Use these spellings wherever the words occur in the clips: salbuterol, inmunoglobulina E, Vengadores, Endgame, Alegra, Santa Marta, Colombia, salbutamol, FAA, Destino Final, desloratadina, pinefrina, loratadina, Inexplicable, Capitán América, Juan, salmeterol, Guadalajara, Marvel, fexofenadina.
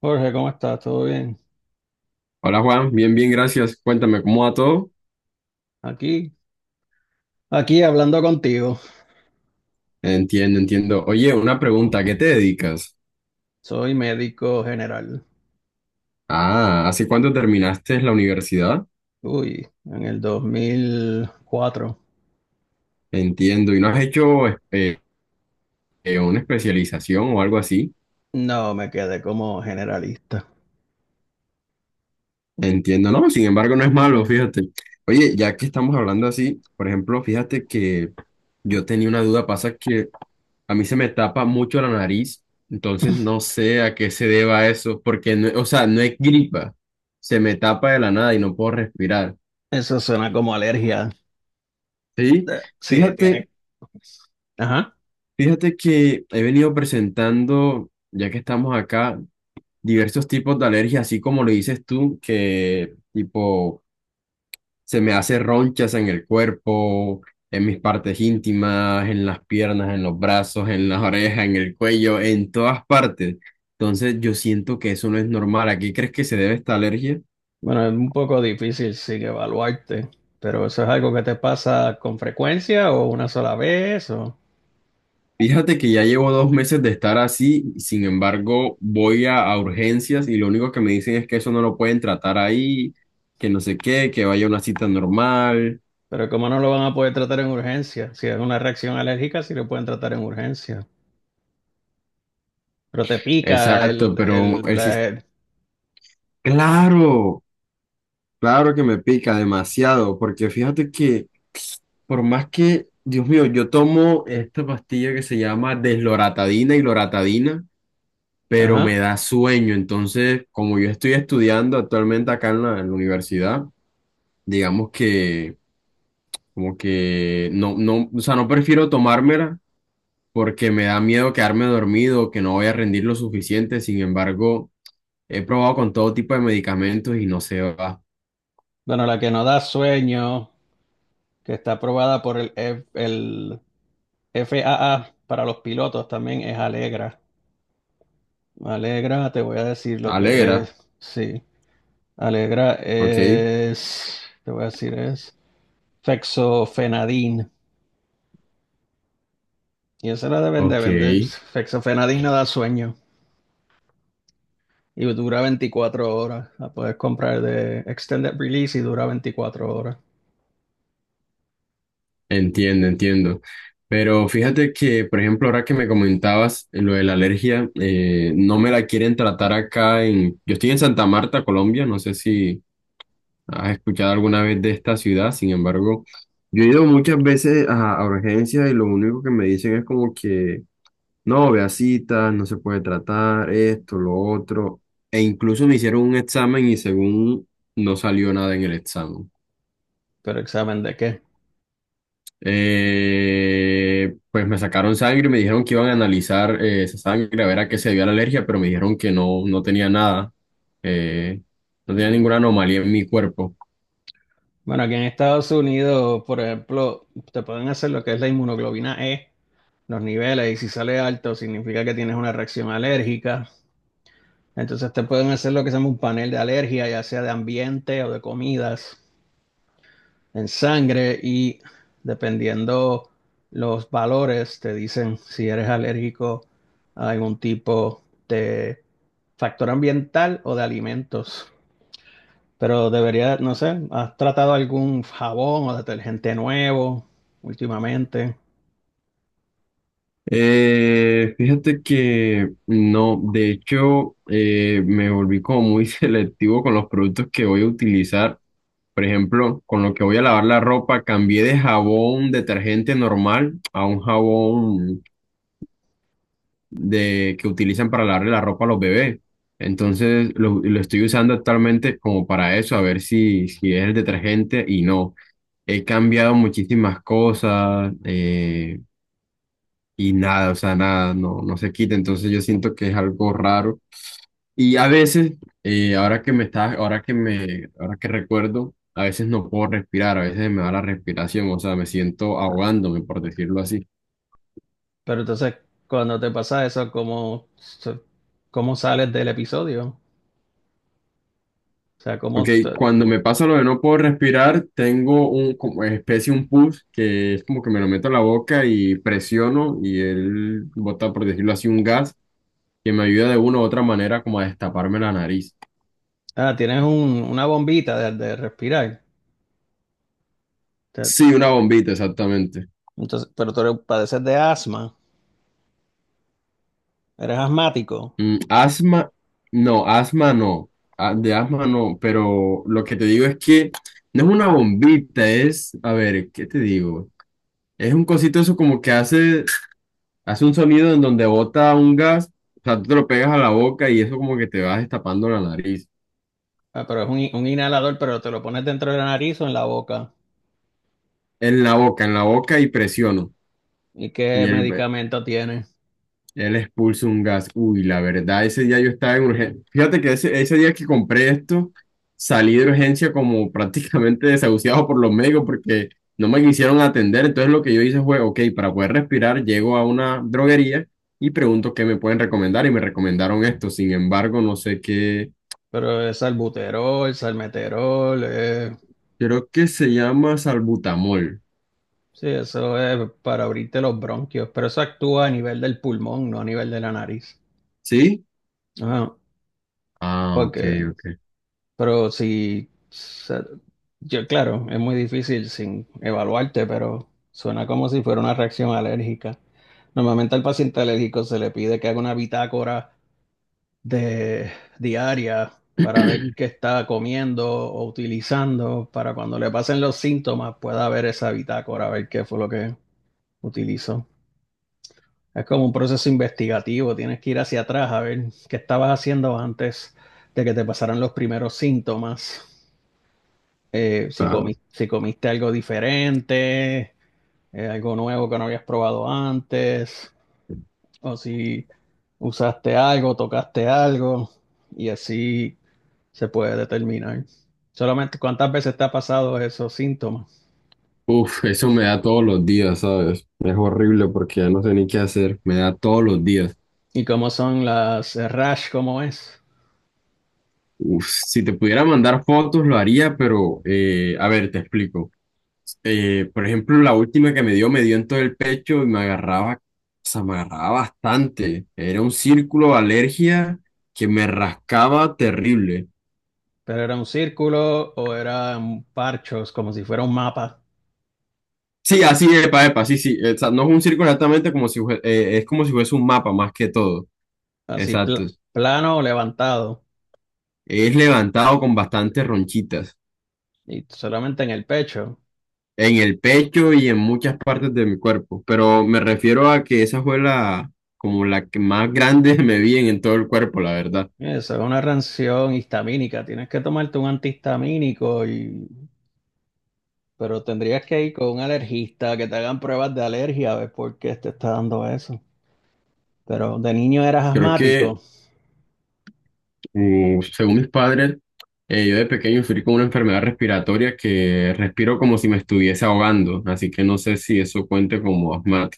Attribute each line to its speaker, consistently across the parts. Speaker 1: Jorge, ¿cómo estás? ¿Todo bien?
Speaker 2: Hola Juan, bien, bien, gracias. Cuéntame, ¿cómo va todo?
Speaker 1: Aquí, aquí hablando contigo.
Speaker 2: Entiendo, entiendo. Oye, una pregunta, ¿a qué te dedicas?
Speaker 1: Soy médico general.
Speaker 2: Ah, ¿hace cuánto terminaste la universidad?
Speaker 1: Uy, en el 2004.
Speaker 2: Entiendo, ¿y no has hecho una especialización o algo así?
Speaker 1: No, me quedé como generalista.
Speaker 2: Entiendo, no, sin embargo, no es malo, fíjate. Oye, ya que estamos hablando así, por ejemplo, fíjate que yo tenía una duda, pasa que a mí se me tapa mucho la nariz, entonces no sé a qué se deba eso, porque, o sea, no es gripa, se me tapa de la nada y no puedo respirar.
Speaker 1: Eso suena como alergia.
Speaker 2: Sí,
Speaker 1: Sí,
Speaker 2: fíjate,
Speaker 1: tiene. Ajá.
Speaker 2: fíjate que he venido presentando, ya que estamos acá, diversos tipos de alergias, así como lo dices tú, que tipo se me hace ronchas en el cuerpo, en mis partes íntimas, en las piernas, en los brazos, en las orejas, en el cuello, en todas partes. Entonces yo siento que eso no es normal. ¿A qué crees que se debe esta alergia?
Speaker 1: Bueno, es un poco difícil sin evaluarte, pero eso es algo que te pasa con frecuencia o una sola vez, o...
Speaker 2: Fíjate que ya llevo 2 meses de estar así, sin embargo, voy a urgencias y lo único que me dicen es que eso no lo pueden tratar ahí, que no sé qué, que vaya a una cita normal.
Speaker 1: Pero como no lo van a poder tratar en urgencia, si es una reacción alérgica, sí lo pueden tratar en urgencia. Pero te pica
Speaker 2: Exacto, pero el sistema, claro, claro que me pica demasiado, porque fíjate que por más que, Dios mío, yo tomo esta pastilla que se llama desloratadina y loratadina, pero me
Speaker 1: Ajá.
Speaker 2: da sueño, entonces, como yo estoy estudiando actualmente acá en la universidad, digamos que como que no, no, o sea, no prefiero tomármela porque me da miedo quedarme dormido, que no voy a rendir lo suficiente. Sin embargo, he probado con todo tipo de medicamentos y no se va.
Speaker 1: Bueno, la que no da sueño, que está aprobada por el FAA para los pilotos también es Alegra. Alegra, te voy a decir lo
Speaker 2: Alegra,
Speaker 1: que es. Sí, Alegra
Speaker 2: ok,
Speaker 1: es, te voy a decir es fexofenadín. Y esa la deben de
Speaker 2: ok,
Speaker 1: vender. Fexofenadín no da sueño y dura 24 horas. La puedes comprar de extended release y dura 24 horas.
Speaker 2: entiendo, entiendo. Pero fíjate que, por ejemplo, ahora que me comentabas lo de la alergia, no me la quieren tratar acá en... Yo estoy en Santa Marta, Colombia, no sé si... has escuchado alguna vez de esta ciudad, sin embargo, yo he ido muchas veces a urgencias y lo único que me dicen es como que no, vea citas, no se puede tratar, esto, lo otro, e incluso me hicieron un examen y según no salió nada en el examen.
Speaker 1: ¿Pero examen de qué?
Speaker 2: Pues me sacaron sangre y me dijeron que iban a analizar esa sangre a ver a qué se dio la alergia, pero me dijeron que no, no tenía nada, eh, no tenía ninguna anomalía en mi cuerpo.
Speaker 1: Bueno, aquí en Estados Unidos, por ejemplo, te pueden hacer lo que es la inmunoglobulina E, los niveles, y si sale alto significa que tienes una reacción alérgica. Entonces te pueden hacer lo que se llama un panel de alergia, ya sea de ambiente o de comidas, en sangre, y dependiendo los valores, te dicen si eres alérgico a algún tipo de factor ambiental o de alimentos. Pero debería, no sé, ¿has tratado algún jabón o detergente nuevo últimamente?
Speaker 2: Fíjate que no, de hecho, me volví como muy selectivo con los productos que voy a utilizar. Por ejemplo, con lo que voy a lavar la ropa, cambié de jabón detergente normal a un jabón de que utilizan para lavarle la ropa a los bebés. Entonces, lo estoy usando actualmente como para eso, a ver si, si es el detergente y no. He cambiado muchísimas cosas. Y nada, o sea, nada, no, no se quita. Entonces yo siento que es algo raro. Y a veces, ahora que me estás, ahora que me, ahora que recuerdo, a veces no puedo respirar, a veces me da la respiración, o sea, me siento ahogándome, por decirlo así.
Speaker 1: Pero entonces, cuando te pasa eso, ¿cómo sales del episodio? O sea,
Speaker 2: Ok,
Speaker 1: ¿cómo te-
Speaker 2: cuando me pasa lo de no puedo respirar, tengo un, como especie, un pus, que es como que me lo meto a la boca y presiono y él bota, por decirlo así, un gas que me ayuda de una u otra manera como a destaparme la nariz.
Speaker 1: ah, tienes una bombita de respirar. Te-
Speaker 2: Sí, una bombita, exactamente.
Speaker 1: entonces, pero tú padeces de asma, eres asmático.
Speaker 2: Mm, asma, no, asma no, de asma no, pero lo que te digo es que no es una bombita, es, a ver, ¿qué te digo? Es un cosito eso como que hace, hace un sonido en donde bota un gas, o sea, tú te lo pegas a la boca y eso como que te vas destapando la nariz,
Speaker 1: Ah, pero es un, un inhalador, pero te lo pones dentro de la nariz o en la boca.
Speaker 2: en la boca y presiono,
Speaker 1: ¿Y qué
Speaker 2: y el
Speaker 1: medicamento tienes?
Speaker 2: él expulsa un gas. Uy, la verdad, ese día yo estaba en urgencia. Fíjate que ese día que compré esto, salí de urgencia como prácticamente desahuciado por los médicos porque no me quisieron atender. Entonces lo que yo hice fue, ok, para poder respirar, llego a una droguería y pregunto qué me pueden recomendar y me recomendaron esto. Sin embargo, no sé qué,
Speaker 1: Pero es salbuterol, salmeterol.
Speaker 2: creo que se llama salbutamol.
Speaker 1: Sí, eso es para abrirte los bronquios, pero eso actúa a nivel del pulmón, no a nivel de la nariz.
Speaker 2: ¿Sí?
Speaker 1: Ah,
Speaker 2: Ah, ok,
Speaker 1: porque,
Speaker 2: ok.
Speaker 1: pero si, se- yo claro, es muy difícil sin evaluarte, pero suena como si fuera una reacción alérgica. Normalmente al paciente alérgico se le pide que haga una bitácora de diaria para ver qué está comiendo o utilizando, para cuando le pasen los síntomas pueda ver esa bitácora, ver qué fue lo que utilizó. Es como un proceso investigativo, tienes que ir hacia atrás a ver qué estabas haciendo antes de que te pasaran los primeros síntomas.
Speaker 2: Ah,
Speaker 1: Si comiste algo diferente, algo nuevo que no habías probado antes, o si usaste algo, tocaste algo, y así se puede determinar. Solamente cuántas veces te ha pasado esos síntomas
Speaker 2: uf, eso me da todos los días, ¿sabes? Es horrible porque ya no sé ni qué hacer. Me da todos los días.
Speaker 1: y cómo son las rash, cómo es.
Speaker 2: Uf, si te pudiera mandar fotos, lo haría, pero a ver, te explico. Por ejemplo, la última que me dio en todo el pecho y me agarraba, o sea, me agarraba bastante. Era un círculo de alergia que me rascaba terrible.
Speaker 1: Pero era un círculo o eran parchos, como si fuera un mapa.
Speaker 2: Sí, así, epa, epa, sí, sí. O sea, no es un círculo exactamente como si, es como si fuese un mapa más que todo.
Speaker 1: así pl-
Speaker 2: Exacto.
Speaker 1: plano o levantado,
Speaker 2: Es levantado con bastantes ronchitas.
Speaker 1: y solamente en el pecho.
Speaker 2: En el pecho y en muchas partes de mi cuerpo, pero me refiero a que esa fue la, como la que más grande me vi en todo el cuerpo, la verdad.
Speaker 1: Eso es una reacción histamínica. Tienes que tomarte un antihistamínico, y... pero tendrías que ir con un alergista que te hagan pruebas de alergia a ver por qué te está dando eso. Pero de niño eras
Speaker 2: Creo que,
Speaker 1: asmático,
Speaker 2: según mis padres, yo de pequeño sufrí con una enfermedad respiratoria que respiro como si me estuviese ahogando, así que no sé si eso cuente como asma.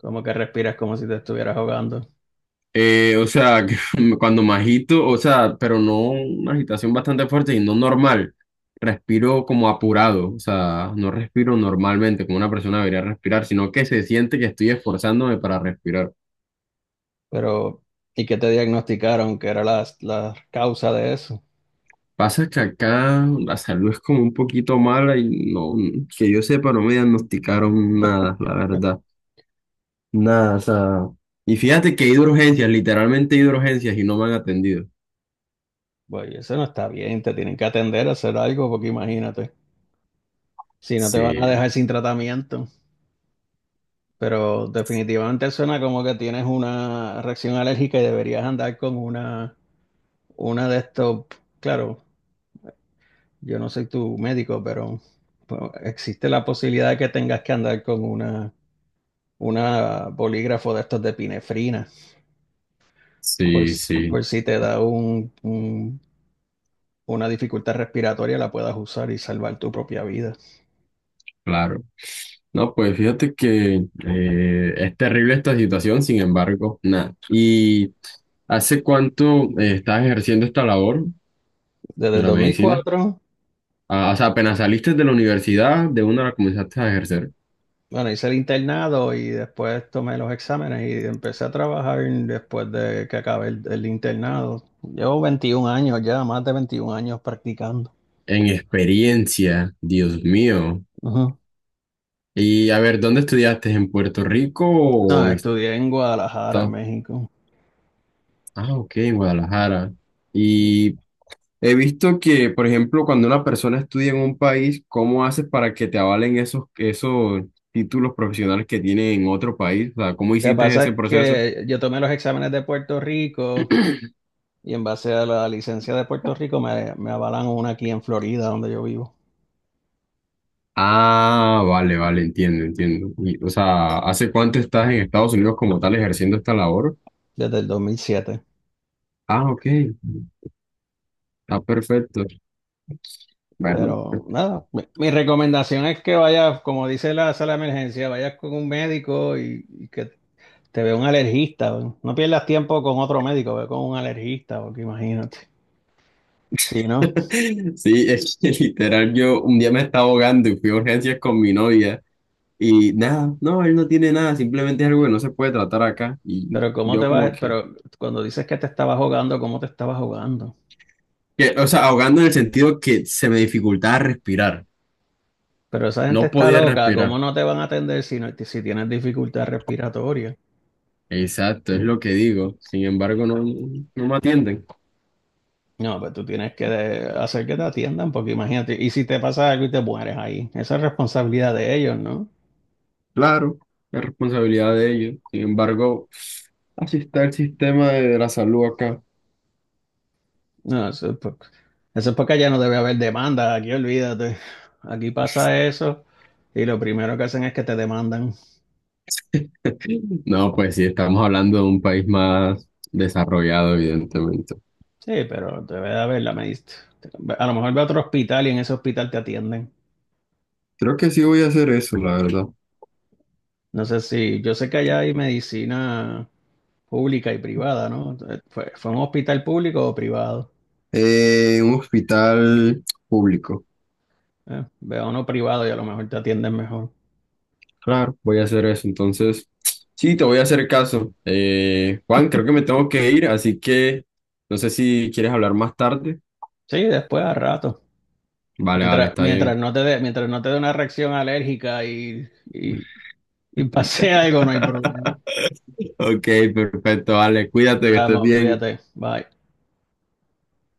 Speaker 1: como que respiras como si te estuvieras ahogando.
Speaker 2: O sea, que cuando me agito, o sea, pero no una agitación bastante fuerte y no normal. Respiro como apurado, o sea, no respiro normalmente como una persona debería respirar, sino que se siente que estoy esforzándome para respirar.
Speaker 1: Pero, ¿y qué te diagnosticaron que era la causa de eso?
Speaker 2: Pasa que acá la salud es como un poquito mala y no, que yo sepa, no me diagnosticaron nada, la verdad. Nada, o sea. Y fíjate que he ido a urgencias, literalmente he ido a urgencias y no me han atendido.
Speaker 1: Pues eso no está bien, te tienen que atender a hacer algo, porque imagínate, si no te van a
Speaker 2: Sí,
Speaker 1: dejar sin tratamiento. Pero definitivamente suena como que tienes una reacción alérgica y deberías andar con una de estos. Claro, yo no soy tu médico, pero pues, existe la posibilidad de que tengas que andar con una bolígrafo de estos de pinefrina.
Speaker 2: sí,
Speaker 1: Pues,
Speaker 2: sí,
Speaker 1: pues si te da un- una dificultad respiratoria, la puedas usar y salvar tu propia vida.
Speaker 2: claro. No, pues fíjate que es terrible esta situación, sin embargo, nada. ¿Y hace cuánto estás ejerciendo esta labor
Speaker 1: Desde
Speaker 2: de
Speaker 1: el
Speaker 2: la
Speaker 1: dos mil
Speaker 2: medicina?
Speaker 1: cuatro
Speaker 2: Ah, o sea, apenas saliste de la universidad, de una la comenzaste a ejercer.
Speaker 1: Bueno, hice el internado y después tomé los exámenes y empecé a trabajar después de que acabé el internado. Llevo 21 años ya, más de 21 años practicando.
Speaker 2: En experiencia, Dios mío.
Speaker 1: Ujú.
Speaker 2: Y a ver, ¿dónde estudiaste? ¿En Puerto Rico
Speaker 1: No,
Speaker 2: o en
Speaker 1: estudié en Guadalajara,
Speaker 2: Estados?
Speaker 1: México.
Speaker 2: Ah, ok, en Guadalajara. ¿Y he visto que, por ejemplo, cuando una persona estudia en un país, ¿cómo haces para que te avalen esos, esos títulos profesionales que tiene en otro país? O sea, ¿cómo
Speaker 1: Lo que
Speaker 2: hiciste
Speaker 1: pasa
Speaker 2: ese
Speaker 1: es
Speaker 2: proceso?
Speaker 1: que yo tomé los exámenes de Puerto Rico y en base a la licencia de Puerto Rico me avalan una aquí en Florida, donde yo vivo,
Speaker 2: Ah, vale, vale, entiendo, entiendo. Y, o sea, ¿hace cuánto estás en Estados Unidos como tal ejerciendo esta labor?
Speaker 1: desde el 2007.
Speaker 2: Ah, ok, está perfecto. Bueno,
Speaker 1: Pero nada, mi recomendación es que vayas, como dice la sala de emergencia, vayas con un médico y que te ve un alergista, weón. No pierdas tiempo con otro médico, ve con un alergista, porque imagínate. Sí, ¿no?
Speaker 2: sí, es que literal yo un día me estaba ahogando y fui a urgencias con mi novia. Y nada, no, él no tiene nada, simplemente es algo que no se puede tratar acá. Y
Speaker 1: Pero cómo te
Speaker 2: yo como
Speaker 1: vas,
Speaker 2: que,
Speaker 1: pero cuando dices que te estabas jugando, ¿cómo te estabas jugando?
Speaker 2: Que, o sea, ahogando en el sentido que se me dificultaba respirar.
Speaker 1: Pero esa gente
Speaker 2: No
Speaker 1: está
Speaker 2: podía
Speaker 1: loca, ¿cómo
Speaker 2: respirar.
Speaker 1: no te van a atender si, no, si tienes dificultad respiratoria?
Speaker 2: Exacto, es lo que digo. Sin embargo, no, no me atienden.
Speaker 1: No, pues tú tienes que hacer que te atiendan, porque imagínate, y si te pasa algo y te mueres ahí, esa es responsabilidad de ellos, ¿no?
Speaker 2: Claro, es responsabilidad de ellos. Sin embargo, así está el sistema de la salud acá.
Speaker 1: No, eso es porque ya no debe haber demanda, aquí olvídate. Aquí pasa eso y lo primero que hacen es que te demandan.
Speaker 2: No, pues sí, estamos hablando de un país más desarrollado, evidentemente.
Speaker 1: Sí, pero te voy a verla, me diste. A lo mejor ve a otro hospital y en ese hospital te atienden.
Speaker 2: Creo que sí voy a hacer eso, la verdad.
Speaker 1: No sé si, yo sé que allá hay medicina pública y privada, ¿no? ¿Fue, fue un hospital público o privado?
Speaker 2: Un hospital público.
Speaker 1: Ve a uno privado y a lo mejor te atienden mejor.
Speaker 2: Claro, voy a hacer eso. Entonces, sí, te voy a hacer caso. Juan, creo que me tengo que ir, así que no sé si quieres hablar más tarde.
Speaker 1: Sí, después a rato.
Speaker 2: Vale, vale,
Speaker 1: Mientras,
Speaker 2: está
Speaker 1: mientras
Speaker 2: bien.
Speaker 1: no te dé, mientras no te dé una reacción alérgica y pase algo, no hay problema.
Speaker 2: Ok, perfecto, vale. Cuídate, que estés
Speaker 1: Vamos,
Speaker 2: bien.
Speaker 1: cuídate. Bye.